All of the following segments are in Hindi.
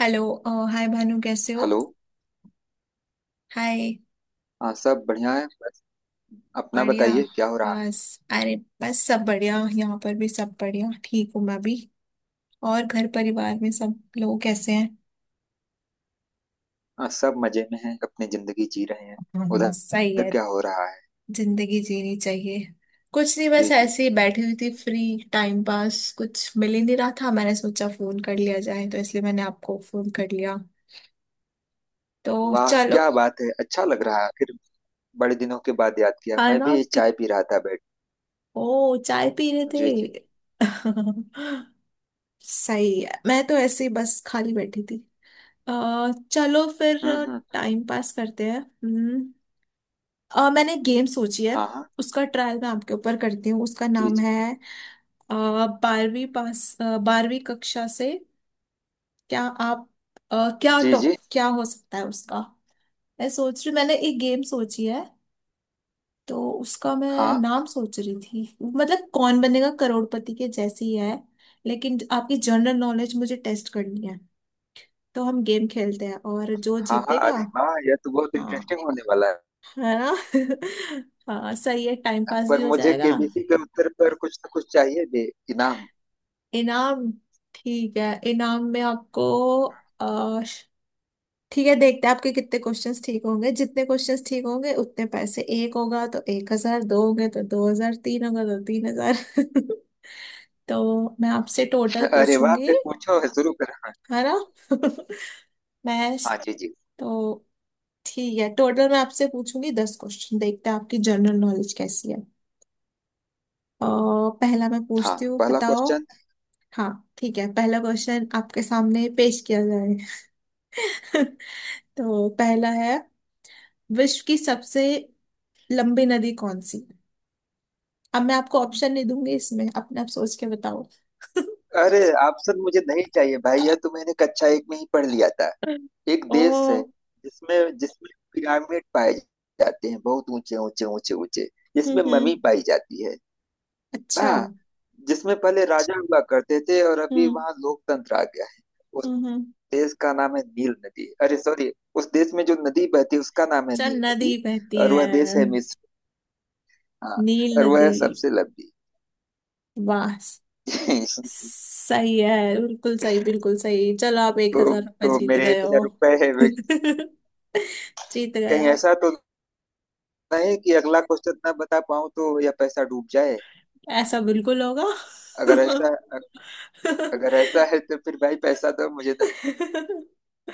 हेलो हाय भानु कैसे हो। हेलो। हाय। हाँ सब बढ़िया है बस। अपना बढ़िया। बताइए क्या हो रहा है। बस। अरे, बस सब बढ़िया, यहाँ पर भी सब बढ़िया, ठीक हूँ मैं भी। और घर परिवार में सब लोग कैसे हैं? हाँ सब मजे में हैं अपनी जिंदगी जी रहे हैं। हाँ, हाँ, सही उधर है। क्या हो रहा है। जिंदगी जीनी चाहिए। कुछ नहीं, बस जी जी। ऐसे ही बैठी हुई थी, फ्री टाइम पास कुछ मिल ही नहीं रहा था, मैंने सोचा फोन कर लिया जाए तो इसलिए मैंने आपको फोन कर लिया। तो वाह चलो। क्या बात है, अच्छा लग रहा है फिर। बड़े दिनों के बाद याद किया, मैं खाना भी कि... चाय पी रहा था बैठ। ओ, चाय पी रहे जी जी। थे। सही है, मैं तो ऐसे ही बस खाली बैठी थी। अ, चलो फिर। हम्म। हम्म। टाइम पास करते हैं। हम्म। मैंने गेम सोची है। हाँ हाँ। उसका ट्रायल मैं आपके ऊपर करती हूँ। उसका जी नाम जी। है। अ, बारहवीं कक्षा से। क्या आप। क्या जी टॉप जी। क्या हो सकता है उसका। मैं सोच रही, मैंने एक गेम सोची है। तो उसका मैं हाँ नाम सोच रही थी, मतलब कौन बनेगा करोड़पति के जैसी है। लेकिन आपकी जनरल नॉलेज मुझे टेस्ट करनी है। तो हम गेम खेलते हैं और जो हाँ। हाँ जीतेगा। अरे वाह, यह तो बहुत हाँ। इंटरेस्टिंग होने वाला है ना। हाँ, सही है, टाइम है। पास भी पर हो मुझे जाएगा। केबीसी के उत्तर पर कुछ ना कुछ चाहिए भी। इनाम। इनाम। ठीक है, इनाम में आपको। अ, श- ठीक है, देखते हैं आपके कितने क्वेश्चंस ठीक होंगे, जितने क्वेश्चंस ठीक होंगे उतने पैसे। एक होगा तो 1,000, दो होंगे तो 2,000, तीन होगा तो 3,000। तो मैं आपसे टोटल अरे वाह, पूछूंगी। फिर पूछो शुरू करो। हाँ। है ना। मैं हाँ, स- जी जी। तो ठीक है, टोटल मैं आपसे पूछूंगी 10 क्वेश्चन, देखते हैं आपकी जनरल नॉलेज कैसी है। अ, पहला मैं हाँ पूछती हूँ, पहला बताओ। क्वेश्चन। हाँ, ठीक है, पहला क्वेश्चन आपके सामने पेश किया जाए। तो पहला है, विश्व की सबसे लंबी नदी कौन सी है? अब मैं आपको ऑप्शन नहीं दूंगी, इसमें अपने आप सोच के बताओ। अरे ऑप्शन मुझे नहीं चाहिए भाई, यह तो मैंने कक्षा एक में ही पढ़ लिया था। एक देश है ओ। जिसमें जिसमें पिरामिड पाए जाते हैं, बहुत ऊंचे ऊंचे ऊंचे ऊंचे। हम्म, जिसमें ममी पाई जाती है। अच्छा। हाँ। जिसमें पहले राजा हुआ करते थे और अभी हम्म, वहाँ लोकतंत्र आ गया है। उस हम्म, देश का नाम है नील नदी। अरे सॉरी, उस देश में जो नदी बहती है उसका नाम है चल नील नदी। नदी बहती और वह देश है। है मिस्र। हाँ, नील और वह नदी। है सबसे लंबी। वाह! सही है, बिल्कुल सही, बिल्कुल सही। चलो, आप एक तो हजार रुपये तो जीत मेरे गए 1 हजार हो। रुपए है जीत गए कहीं आप। ऐसा तो नहीं कि अगला क्वेश्चन ना बता पाऊं तो, या पैसा डूब जाए। ऐसा बिल्कुल होगा। अगर ऐसा अगर ऐसा है तो फिर भाई पैसा तो मुझे तो नहीं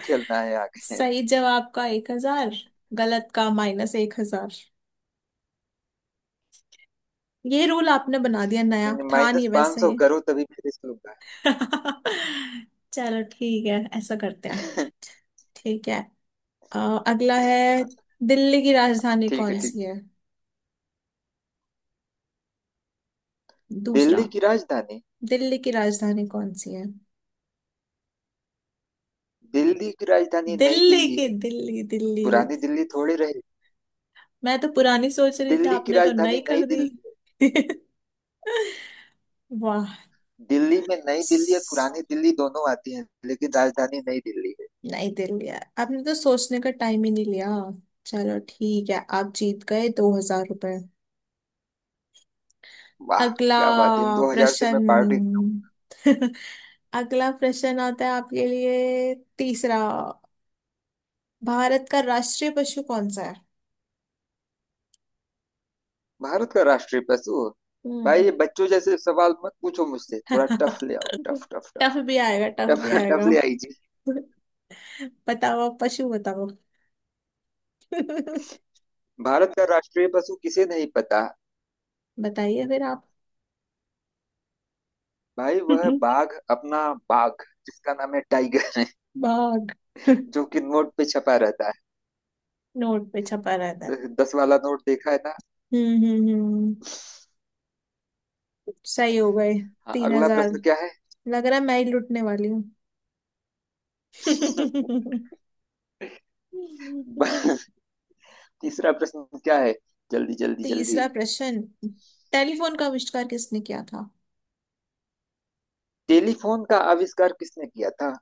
खेलना है आगे। सही जवाब का 1,000, गलत का माइनस 1,000। ये रूल आपने बना दिया नया, नहीं, था नहीं माइनस पाँच वैसे सौ ये। करो तभी फिर इसका। चलो ठीक है, ऐसा करते हैं। ठीक है। अ, अगला है। दिल्ली की हाँ, राजधानी ठीक कौन है ठीक। सी है? दूसरा। दिल्ली की राजधानी। दिल्ली की राजधानी कौन सी है? दिल्ली की राजधानी नई दिल्ली दिल्ली की है। दिल्ली, दिल्ली। पुरानी दिल्ली थोड़ी रही। मैं तो पुरानी सोच रही थी, दिल्ली की आपने तो राजधानी नई नई कर दी। दिल्ली है। वाह। दिल्ली में नई दिल्ली और पुरानी दिल्ली दोनों आती हैं, लेकिन राजधानी नई दिल्ली है। नहीं, दिल लिया। आपने तो सोचने का टाइम ही नहीं लिया। चलो ठीक है, आप जीत गए 2,000 रुपये। वाह अगला क्या बात है, इन 2 हजार से मैं पार्टी। प्रश्न। अगला प्रश्न आता है आपके लिए, तीसरा। भारत का राष्ट्रीय पशु कौन सा है? भारत का राष्ट्रीय पशु। भाई हम्म। ये बच्चों जैसे सवाल मत पूछो मुझसे, थोड़ा टफ ले आओ। टफ टफ टफ टफ भी आएगा, टफ भी टफ। टफ आएगा। ले आई जी। बताओ, आप पशु बताओ। भारत का राष्ट्रीय पशु किसे नहीं पता। बताइए फिर आप। भाई वह है बाघ अपना। बाघ, जिसका नाम है टाइगर। बाघ। जो कि नोट पे छपा रहता है। नोट पे छपा रहता है। 10 वाला नोट देखा है ना। हम्म, हम्म, हम्म, सही हो गए। हाँ तीन अगला हजार प्रश्न क्या है। लग रहा है मैं ही लुटने वाली हूँ। ब- तीसरा प्रश्न क्या है। जल्दी जल्दी जल्दी। तीसरा प्रश्न। टेलीफोन का आविष्कार किसने किया था? टेलीफोन का आविष्कार किसने किया था।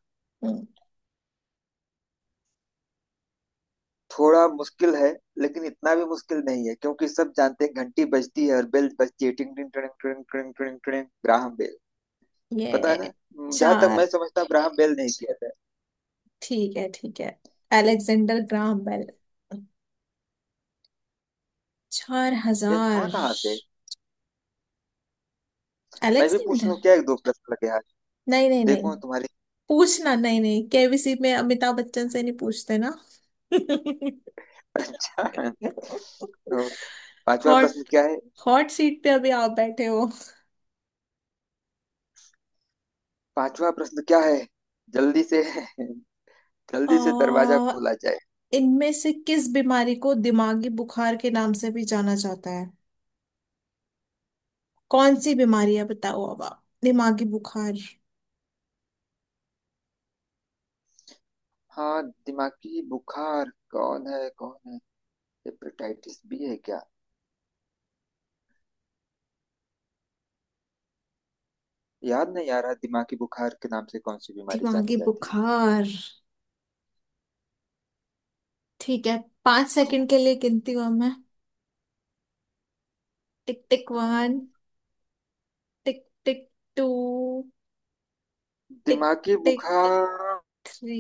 हम्म, थोड़ा मुश्किल है, लेकिन इतना भी मुश्किल नहीं है क्योंकि सब जानते हैं घंटी बजती है और बेल बजती है टिंग टिंग टिंग टिंग टिंग टिंग टिंग। Graham bell. पता है ना। ये। जहां तक मैं चार। समझता हूँ ग्राहम बेल नहीं किया था। ठीक है, ठीक है। Alexander Graham Bell. चार ये था हजार कहाँ से। मैं भी पूछ अलेक्जेंडर। लूँ क्या, एक दो प्रश्न लगे आज। नहीं, नहीं, नहीं। देखो तुम्हारी। पूछना नहीं, नहीं, केबीसी में अमिताभ बच्चन से नहीं पूछते ना। अच्छा, और पांचवा प्रश्न हॉट। क्या है। हॉट सीट पे अभी आप बैठे हो। पांचवा प्रश्न क्या है। जल्दी से। जल्दी से दरवाजा आ, खोला जाए। इनमें से किस बीमारी को दिमागी बुखार के नाम से भी जाना जाता है? कौन सी बीमारी है, बताओ अब आप, दिमागी बुखार। हाँ, दिमागी बुखार कौन है कौन है। हेपेटाइटिस बी है क्या। याद नहीं आ रहा, दिमागी बुखार के नाम से कौन सी बीमारी जानी दिमागी जाती है। बुखार। ठीक है। पांच कौन। सेकंड के लिए गिनती हूँ मैं। टिक टिक हाँ, one. Tick tick two. Tick दिमागी टिक बुखार। थ्री।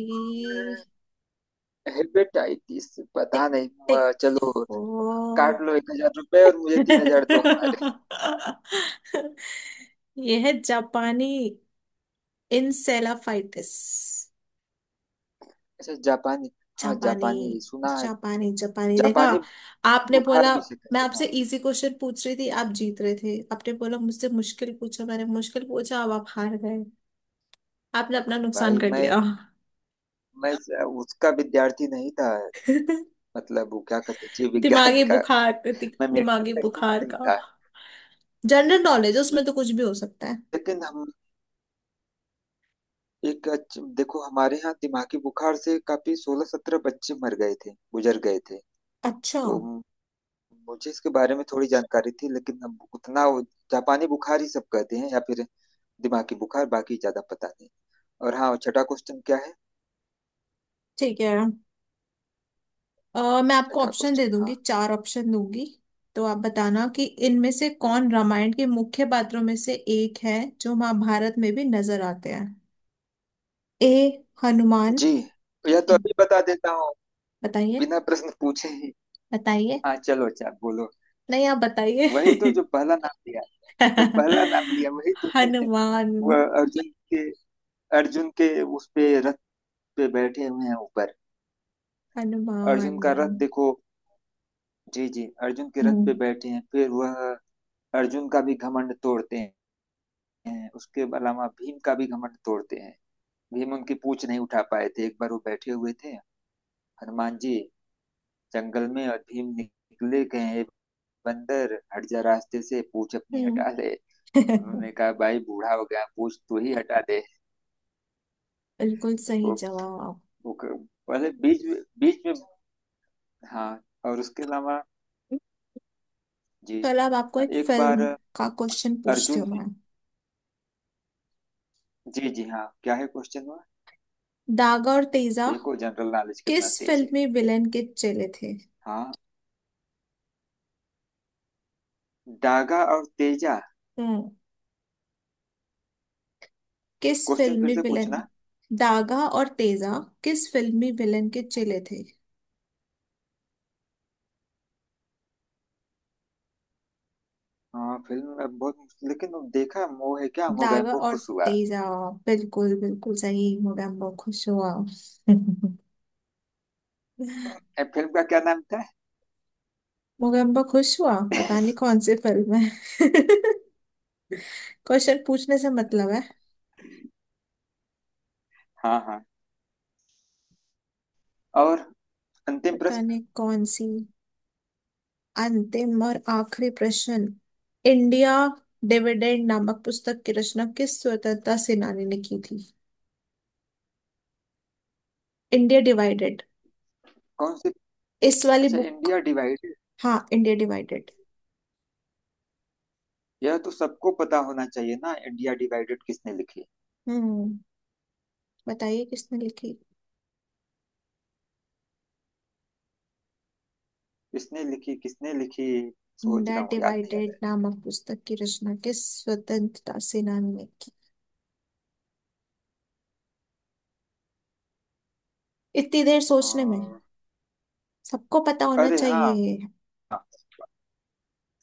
हेपेटाइटिस, पता टिक नहीं टिक हुआ, चलो। फोर। काट लो 1 हजार रुपए और मुझे 3 हजार दो हमारे। यह है जापानी। इंसेलाफाइटिस। अच्छा जापानी। हाँ जापानी। जापानी सुना है। जापानी, जापानी देखा। जापानी आपने बुखार बोला। भी से मैं कहते हैं ना। आपसे इजी क्वेश्चन पूछ रही थी, आप जीत रहे थे, आपने बोला मुझसे मुश्किल पूछा, मैंने मुश्किल पूछा, अब आप हार गए। आपने अपना नुकसान भाई कर मैं लिया। मैं उसका विद्यार्थी नहीं था। मतलब वो क्या कहते हैं, जीव विज्ञान दिमागी का। बुखार। मैं मेडिकल दिमागी का स्टूडेंट बुखार नहीं का। था। जनरल नॉलेज उसमें तो कुछ भी हो सकता है। लेकिन हम, देखो हमारे यहाँ दिमागी बुखार से काफी 16-17 बच्चे मर गए थे, गुजर गए थे। अच्छा। तो मुझे इसके बारे में थोड़ी जानकारी थी, लेकिन अब उतना जापानी बुखार ही सब कहते हैं, या फिर दिमागी बुखार। बाकी ज्यादा पता नहीं। और हाँ, छठा क्वेश्चन क्या है। ठीक है। मैं आपको छठा ऑप्शन दे क्वेश्चन। हाँ। दूंगी, चार ऑप्शन दूंगी। तो आप बताना कि इनमें से हम्म। कौन हम्म। रामायण के मुख्य पात्रों में से एक है जो महाभारत में भी नजर आते हैं। ए। हनुमान। जी। यह तो अभी बता देता हूँ बताइए। बिना प्रश्न पूछे ही। बताइए। हाँ चलो, अच्छा बोलो। नहीं, आप बताइए। वही तो, जो पहला नाम लिया। जो पहला नाम लिया वही तो है। हनुमान। वह अर्जुन के। अर्जुन के उस पे रथ पे बैठे हुए हैं ऊपर। हनुमान। अर्जुन का रथ देखो। जी जी, अर्जुन के रथ पे हम्म, बैठे हैं, फिर वह अर्जुन का भी घमंड तोड़ते हैं। उसके अलावा भीम का भी घमंड तोड़ते हैं। भीम उनकी पूछ नहीं उठा पाए थे। एक बार वो बैठे हुए थे हनुमान जी जंगल में, और भीम निकले गए, "ए बंदर हट जा रास्ते से, पूछ अपनी हटा हम्म। ले।" उन्होंने कहा, भाई बूढ़ा हो गया, पूछ तू ही हटा दे। बिल्कुल सही वो, जवाब। वो क- पहले बीच में। हाँ और उसके अलावा जी चलो, अब आपको एक एक बार फिल्म का क्वेश्चन पूछती अर्जुन। हूँ मैं। जी जी हाँ, क्या है क्वेश्चन में। दागा और तेजा देखो, जनरल नॉलेज कितना किस तेज फिल्म है। में विलेन के चेले थे? हाँ, दागा और तेजा। हम्म। किस क्वेश्चन फिर फिल्मी से विलन? पूछना। दागा और तेजा। किस फिल्मी विलन के चेले थे? हाँ फिल्म में बहुत, लेकिन अब देखा मोह है क्या। दागा मोगैम्बो और खुश हुआ। तेजा। बिल्कुल, बिल्कुल सही, मोगैम्बो खुश हुआ। ए, फिल्म का क्या नाम था। मोगैम्बो खुश हुआ, पता नहीं कौन सी फिल्म है। क्वेश्चन पूछने से मतलब है। हाँ हाँ, और अंतिम पता प्रश्न। नहीं कौन सी। अंतिम और आखिरी प्रश्न। इंडिया डिविडेंड नामक पुस्तक की रचना किस स्वतंत्रता सेनानी ने की थी? India divided. कौन सी। इस वाली अच्छा, बुक। India divided. हाँ, इंडिया डिवाइडेड। यह तो सबको पता होना चाहिए ना। इंडिया डिवाइडेड किसने लिखी। हम्म। बताइए, किसने लिखी? किसने लिखी किसने लिखी। सोच इंडिया रहा हूँ, याद नहीं आ डिवाइडेड रहा नामक पुस्तक की रचना किस स्वतंत्रता सेनानी ने की? इतनी देर है सोचने में। और। सबको पता होना अरे हाँ, चाहिए।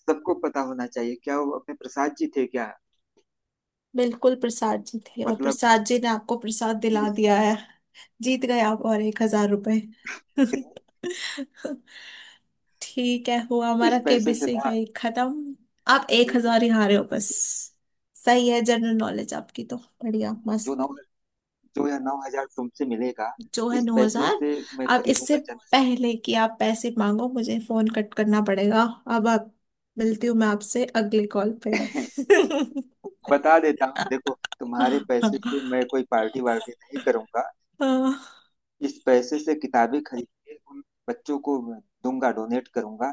सबको पता होना चाहिए, क्या वो अपने प्रसाद जी थे क्या। बिल्कुल, प्रसाद जी थे, और मतलब। प्रसाद जी ने आपको प्रसाद दिला दिया है। जीत गए आप और 1,000 रुपए। ठीक है, हुआ इस हमारा पैसे से केबीसी ना। यही खत्म। आप एक देखो हजार ही हारे हो बस। सही है, जनरल नॉलेज आपकी तो बढ़िया, जो मस्त। नौ जो यह 9 हजार तुमसे मिलेगा, जो है इस नौ पैसे हजार से मैं अब इससे खरीदूंगा पहले कि आप पैसे मांगो, मुझे फोन कट करना पड़ेगा। अब आप। मिलती हूँ मैं आपसे अगले कॉल चंद। पे। बता देता हूँ देखो, तुम्हारे पैसे हम्म। से मैं कोई पार्टी वार्टी नहीं करूंगा। इस पैसे से किताबें खरीद के उन बच्चों को दूंगा, डोनेट करूंगा,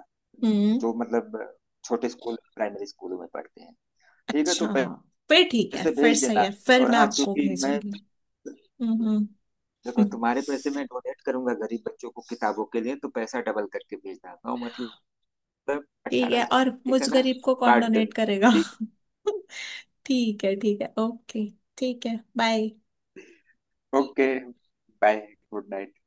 जो मतलब छोटे स्कूल, प्राइमरी स्कूलों में पढ़ते हैं। ठीक है तो अच्छा। फिर ठीक है, पैसे फिर भेज सही देना। है, फिर और मैं हाँ, आपको चूंकि मैं, भेजूंगी। हम्म। देखो तुम्हारे पैसे मैं डोनेट करूंगा गरीब बच्चों को किताबों के लिए, तो पैसा डबल करके भेजना। 9 मतलब ठीक अठारह है, हजार और ठीक मुझ है ना। गरीब को कौन बात डन। डोनेट करेगा? ठीक। ठीक है, ठीक है, ओके। ठीक है, bye. Okay bye. Good night.